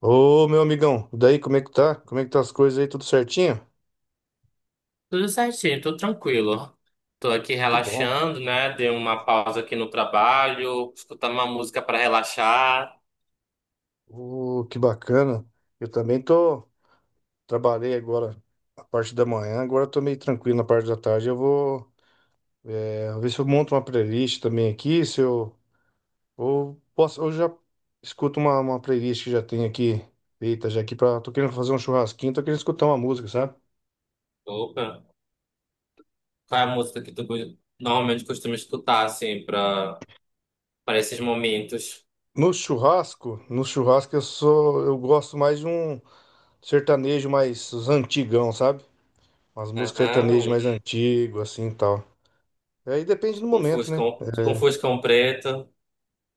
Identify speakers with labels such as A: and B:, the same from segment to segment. A: Ô, meu amigão, daí como é que tá? Como é que tá as coisas aí? Tudo certinho?
B: Tudo certinho, tô tranquilo. Tô aqui
A: Que bom.
B: relaxando, né? Dei uma pausa aqui no trabalho, escutando uma música para relaxar.
A: Ô, que bacana. Eu também tô, trabalhei agora a parte da manhã, agora tô meio tranquilo na parte da tarde. Eu vou, ver se eu monto uma playlist também aqui, se eu ou posso, eu já escuto uma playlist que já tem aqui feita já aqui para tô querendo fazer um churrasquinho, tô querendo escutar uma música, sabe?
B: Opa, qual é a música que normalmente costuma escutar, assim, para esses momentos?
A: No churrasco, eu gosto mais de um sertanejo mais os antigão, sabe? Umas músicas
B: Aham,
A: sertanejas mais
B: um-
A: antigas, assim e tal. É, aí depende do momento, né?
B: tipo um
A: É,
B: fuscão preto.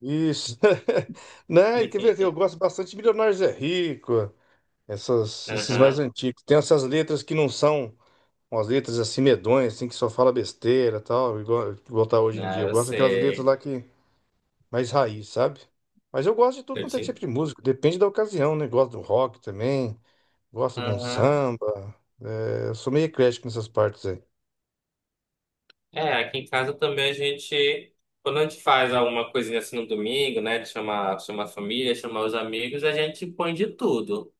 A: isso. Né? Quer ver? Eu gosto bastante de Milionários é Rico, esses mais
B: Aham,
A: antigos. Tem essas letras que não são umas letras assim medonhas, assim, que só fala besteira e tal, igual tá hoje em dia.
B: ah,
A: Eu
B: eu
A: gosto daquelas letras
B: sei.
A: lá que mais raiz, sabe? Mas eu gosto de tudo
B: Eu
A: quanto é
B: te...
A: tipo de música, depende da ocasião, né? Gosto do rock também, gosto de um
B: Aham.
A: samba. É, eu sou meio eclético nessas partes aí.
B: É, aqui em casa também a gente, quando a gente faz alguma coisinha assim no domingo, né, de chamar, chamar a família, chamar os amigos, a gente põe de tudo.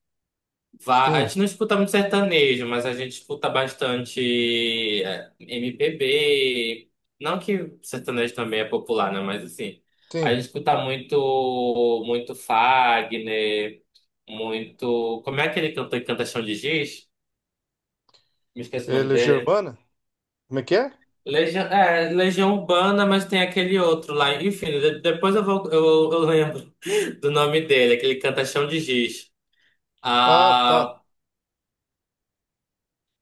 B: Vá, a gente
A: Sim,
B: não escuta muito sertanejo, mas a gente escuta bastante é, MPB. Não que sertanejo também é popular, né, mas assim, a
A: sim.
B: gente escuta muito, muito Fagner, muito. Como é aquele cantor que canta Chão de Giz? Me esqueci o nome
A: Ela é
B: dele.
A: germana? Como é que é?
B: Legião, é, Legião Urbana, mas tem aquele outro lá. Enfim, depois eu vou, eu lembro do nome dele, aquele que canta Chão de Giz.
A: Ah, tá.
B: Ah,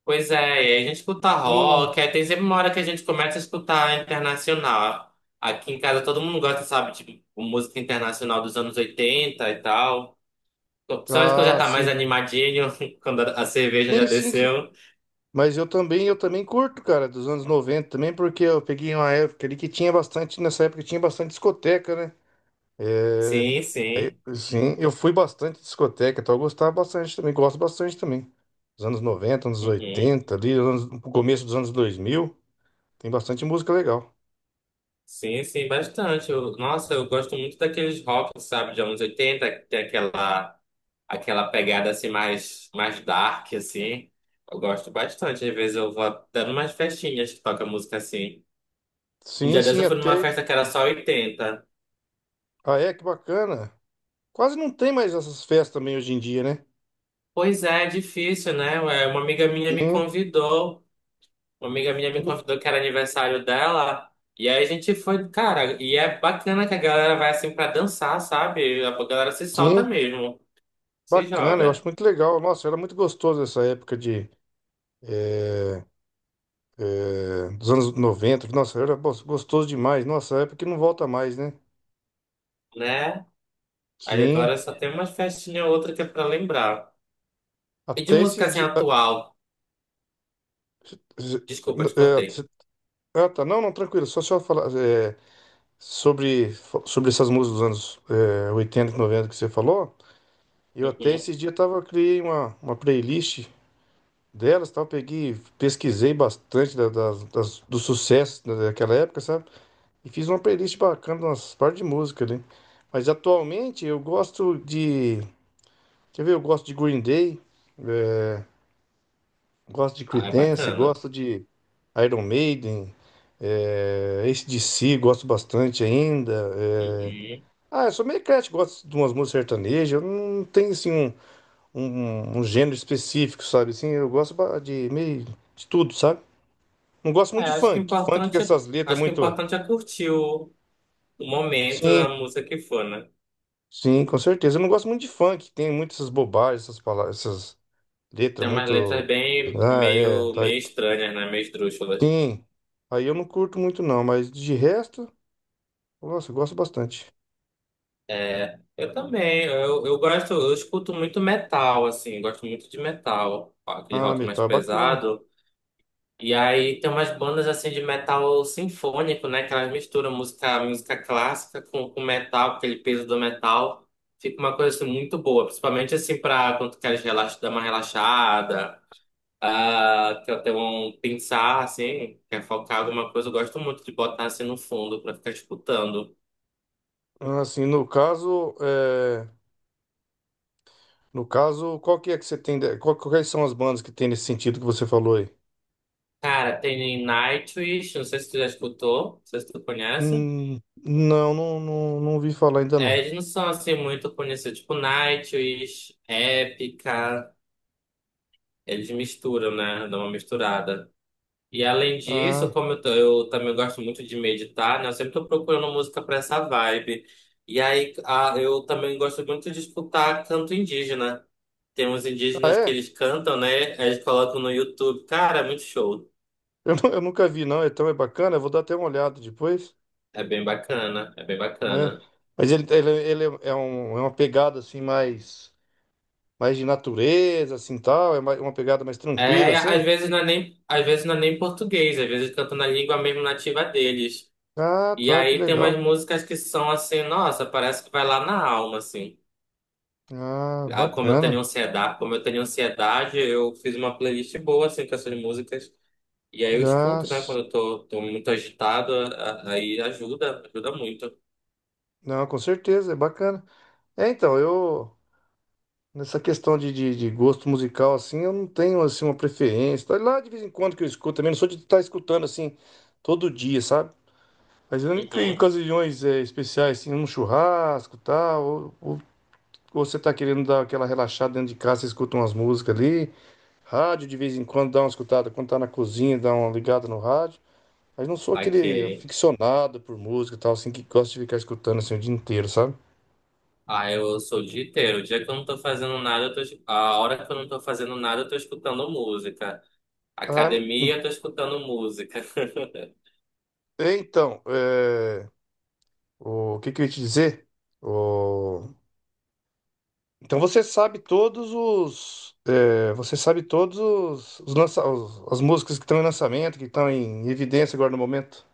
B: pois é, e aí a gente escuta
A: Eu não...
B: rock, aí tem sempre uma hora que a gente começa a escutar internacional. Aqui em casa todo mundo gosta, sabe, de música internacional dos anos 80 e tal. Principalmente quando já
A: Ah,
B: tá mais
A: sim.
B: animadinho, quando a cerveja já
A: Sim, sim, sim.
B: desceu.
A: Mas eu também curto, cara, dos anos 90 também, porque eu peguei uma época ali que tinha bastante, nessa época tinha bastante discoteca, né? É...
B: Sim,
A: Aí,
B: sim.
A: sim, eu fui bastante discoteca, então eu gostava bastante também, gosto bastante também. Dos anos 90 anos
B: Uhum.
A: 80 ali, no começo dos anos 2000 tem bastante música legal.
B: Sim, sim, bastante. Eu- nossa, eu gosto muito daqueles rock, sabe, de anos 80 que tem aquela, aquela pegada assim mais, mais dark, assim. Eu gosto bastante. Às vezes eu vou até numas festinhas que toca música assim. Um
A: Sim,
B: dia desse
A: sim,
B: eu fui numa
A: até...
B: festa que era só oitenta.
A: Ah, é, que bacana. Quase não tem mais essas festas também hoje em dia, né?
B: Pois é, é difícil, né? Ué, uma amiga minha me
A: Sim.
B: convidou. Uma amiga minha me convidou que era aniversário dela. E aí a gente foi, cara, e é bacana que a galera vai assim pra dançar, sabe? A galera se solta
A: Sim,
B: mesmo, se
A: bacana, eu acho
B: joga,
A: muito legal. Nossa, era muito gostoso essa época eh, dos anos 90. Nossa, era gostoso demais. Nossa, época que não volta mais, né?
B: né? Aí
A: Sim,
B: agora só tem uma festinha ou outra que é pra lembrar. E de
A: até
B: música
A: esses
B: assim
A: dias.
B: atual? Desculpa, te cortei.
A: Ah, tá, não, não, tranquilo. Só falar sobre, sobre essas músicas dos anos 80 e 90 que você falou. Eu até
B: Uhum.
A: esses dias tava, criei uma playlist delas, tal, peguei, pesquisei bastante dos sucessos daquela época, sabe? E fiz uma playlist bacana, umas partes de música ali. Mas atualmente eu gosto de. Quer ver? Eu gosto de Green Day, né? Gosto de
B: Ah, é
A: Creedence,
B: bacana.
A: gosto de Iron Maiden, AC/DC, gosto bastante ainda. É.
B: Uhum.
A: Ah, eu sou meio eclético, gosto de umas músicas sertanejas. Eu não tenho assim um gênero específico, sabe? Assim, eu gosto de meio de tudo, sabe? Não gosto
B: É,
A: muito de
B: acho que o
A: funk. Funk com
B: importante é,
A: essas letras
B: acho que o
A: muito.
B: importante é curtir o momento, a
A: Sim.
B: música que for, né?
A: Sim, com certeza. Eu não gosto muito de funk, tem muitas essas bobagens, essas palavras, essas letras
B: Tem umas letras
A: muito.
B: bem
A: Ah, é.
B: meio,
A: Tá aí.
B: meio estranhas, né? Meio esdrúxulas.
A: Sim. Aí eu não curto muito não, mas de resto, nossa, eu gosto bastante.
B: É, eu também. Eu gosto, eu escuto muito metal, assim, gosto muito de metal. Aquele
A: Ah,
B: rock mais
A: metal é bacana.
B: pesado. E aí tem umas bandas assim de metal sinfônico, né? Que elas misturam música, música clássica com metal, com aquele peso do metal. Fica uma coisa assim, muito boa, principalmente assim pra quando tu queres relax, dar uma relaxada, ah, quer ter um pensar assim, quer focar alguma coisa. Eu gosto muito de botar assim no fundo pra ficar escutando.
A: Ah, assim, no caso, qual que é que você tem, de- qual- quais são as bandas que tem nesse sentido que você falou aí?
B: Cara, tem Nightwish, não sei se tu já escutou, não sei se tu conhece.
A: Hum, não, não, não, não vi falar ainda
B: É,
A: não.
B: eles não são assim muito conhecidos, tipo Nightwish, Epica. Eles misturam, né? Dá uma misturada. E além disso,
A: Ah,
B: eu também gosto muito de meditar, né? Eu sempre tô procurando música para essa vibe. E aí, a- eu também gosto muito de escutar canto indígena. Tem uns
A: ah
B: indígenas que
A: é?
B: eles cantam, né? Aí eles colocam no YouTube. Cara, é muito show.
A: Eu nunca vi não, então é bacana, eu vou dar até uma olhada depois.
B: É bem bacana, é bem
A: É.
B: bacana.
A: Mas ele é uma pegada assim mais, de natureza, assim tal, é uma pegada mais tranquila,
B: É,
A: assim.
B: às vezes não é nem, às vezes não é nem português, às vezes cantam na língua mesmo nativa deles.
A: Ah,
B: E
A: tá, que
B: aí tem
A: legal.
B: umas músicas que são assim, nossa, parece que vai lá na alma, assim.
A: Ah,
B: Ah, como eu
A: bacana.
B: tenho ansiedade, como eu tenho ansiedade, eu fiz uma playlist boa assim com essas músicas. E aí eu escuto, né?
A: Nossa.
B: Quando eu tô muito agitado, a- aí ajuda, ajuda muito.
A: Não, com certeza, é bacana. É, então, eu nessa questão de gosto musical, assim, eu não tenho assim uma preferência. Tá. Lá de vez em quando que eu escuto também, não sou de estar escutando assim todo dia, sabe? Mas eu, em
B: Uhum.
A: ocasiões especiais, assim, num churrasco, tal, ou você tá querendo dar aquela relaxada dentro de casa, você escuta umas músicas ali, rádio de vez em quando dá uma escutada, quando tá na cozinha, dá uma ligada no rádio. Mas não sou aquele
B: Saquei.
A: aficionado por música e tal, assim, que gosta de ficar escutando assim o dia inteiro, sabe?
B: Ah, eu sou o dia inteiro. O dia que eu não tô fazendo nada, a hora que eu não tô fazendo nada, eu tô escutando música.
A: Ah,
B: Academia, eu tô escutando música.
A: é, então, o que que eu ia te dizer? O- Então você sabe todos os, é, você sabe todos os, as músicas que estão em lançamento, que estão em evidência agora no momento?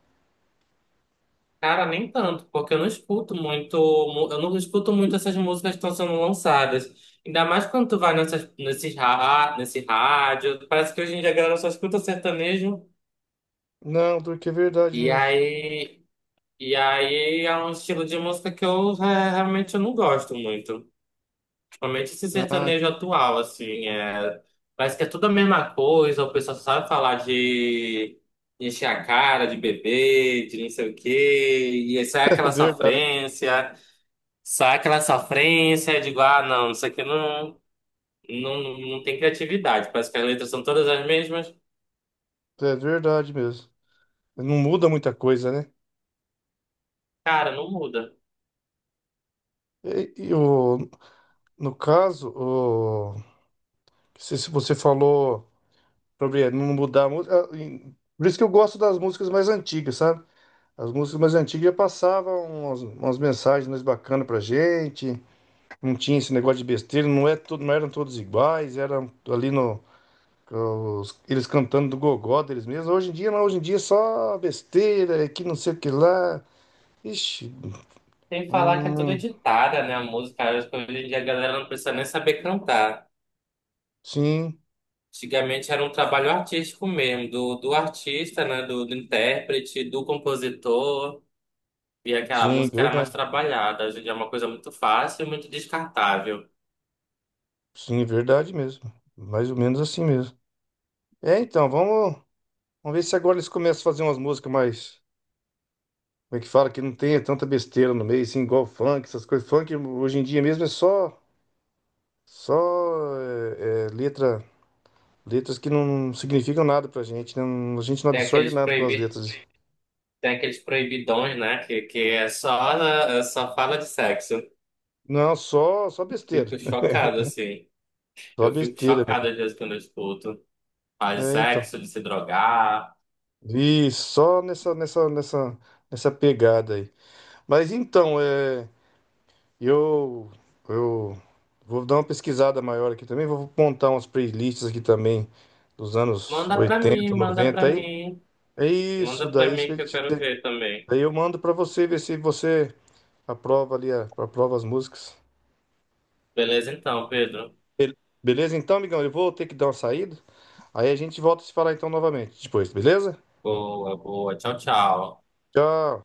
B: Cara, nem tanto, porque eu não escuto muito, mu- eu não escuto muito essas músicas que estão sendo lançadas. Ainda mais quando tu vai nessas, nesses, ra- nesse rádio, parece que hoje em dia a galera só escuta sertanejo.
A: Não, porque é verdade
B: E
A: mesmo.
B: aí, e aí é um estilo de música que eu re- realmente eu não gosto muito. Principalmente esse
A: Ah,
B: sertanejo atual, assim, é, parece que é tudo a mesma coisa, o pessoal só sabe falar de encher a cara, de beber, de não sei o quê, e isso é
A: é
B: aquela
A: verdade.
B: sofrência. Só aquela sofrência, eu digo, ah, não, isso aqui não, não, não tem criatividade. Parece que as letras são todas as mesmas.
A: É verdade mesmo. Não muda muita coisa, né?
B: Cara, não muda.
A: E no caso, se você falou sobre não mudar a música. Por isso que eu gosto das músicas mais antigas, sabe? As músicas mais antigas já passavam umas mensagens mais bacanas pra gente. Não tinha esse negócio de besteira, não, é tudo, não eram todos iguais, eram ali no. Eles cantando do gogó deles mesmos. Hoje em dia, não, hoje em dia é só besteira, é que não sei o que lá. Ixi,
B: Tem que falar que é tudo
A: hum,
B: editada, né? A música, acho que hoje em dia a galera não precisa nem saber cantar.
A: sim.
B: Antigamente era um trabalho artístico mesmo, do artista, né? Do intérprete, do compositor. E aquela
A: Sim,
B: música era mais
A: verdade.
B: trabalhada. Hoje em dia é uma coisa muito fácil e muito descartável.
A: Sim, verdade mesmo. Mais ou menos assim mesmo. É, então, vamos ver se agora eles começam a fazer umas músicas mais. Como é que fala? Que não tenha tanta besteira no meio, assim, igual funk, essas coisas. Funk hoje em dia mesmo é só. Só é, letra. Letras que não significam nada pra gente, né? Não. A gente não
B: Tem
A: absorve
B: aqueles
A: nada com as
B: proibi...
A: letras.
B: Tem aqueles proibidões, né? Que é só fala de sexo.
A: Não, só besteira.
B: Fico chocado, assim.
A: Só
B: Eu fico
A: besteira
B: chocado às vezes quando eu escuto faz
A: mesmo. É, então.
B: sexo, de se drogar.
A: E só nessa pegada aí. Mas então, é. Eu, eu vou dar uma pesquisada maior aqui também, vou montar umas playlists aqui também dos anos
B: Manda pra mim,
A: 80,
B: manda
A: 90
B: pra
A: aí.
B: mim.
A: É isso,
B: Manda pra
A: daí isso que
B: mim que
A: eu
B: eu
A: te...
B: quero ver também.
A: Aí eu mando pra você ver se você aprova ali, aprova as músicas.
B: Beleza então, Pedro.
A: Be- Beleza então, amigão? Eu vou ter que dar uma saída. Aí a gente volta a se falar então novamente depois, beleza?
B: Boa, boa. Tchau, tchau.
A: Tchau.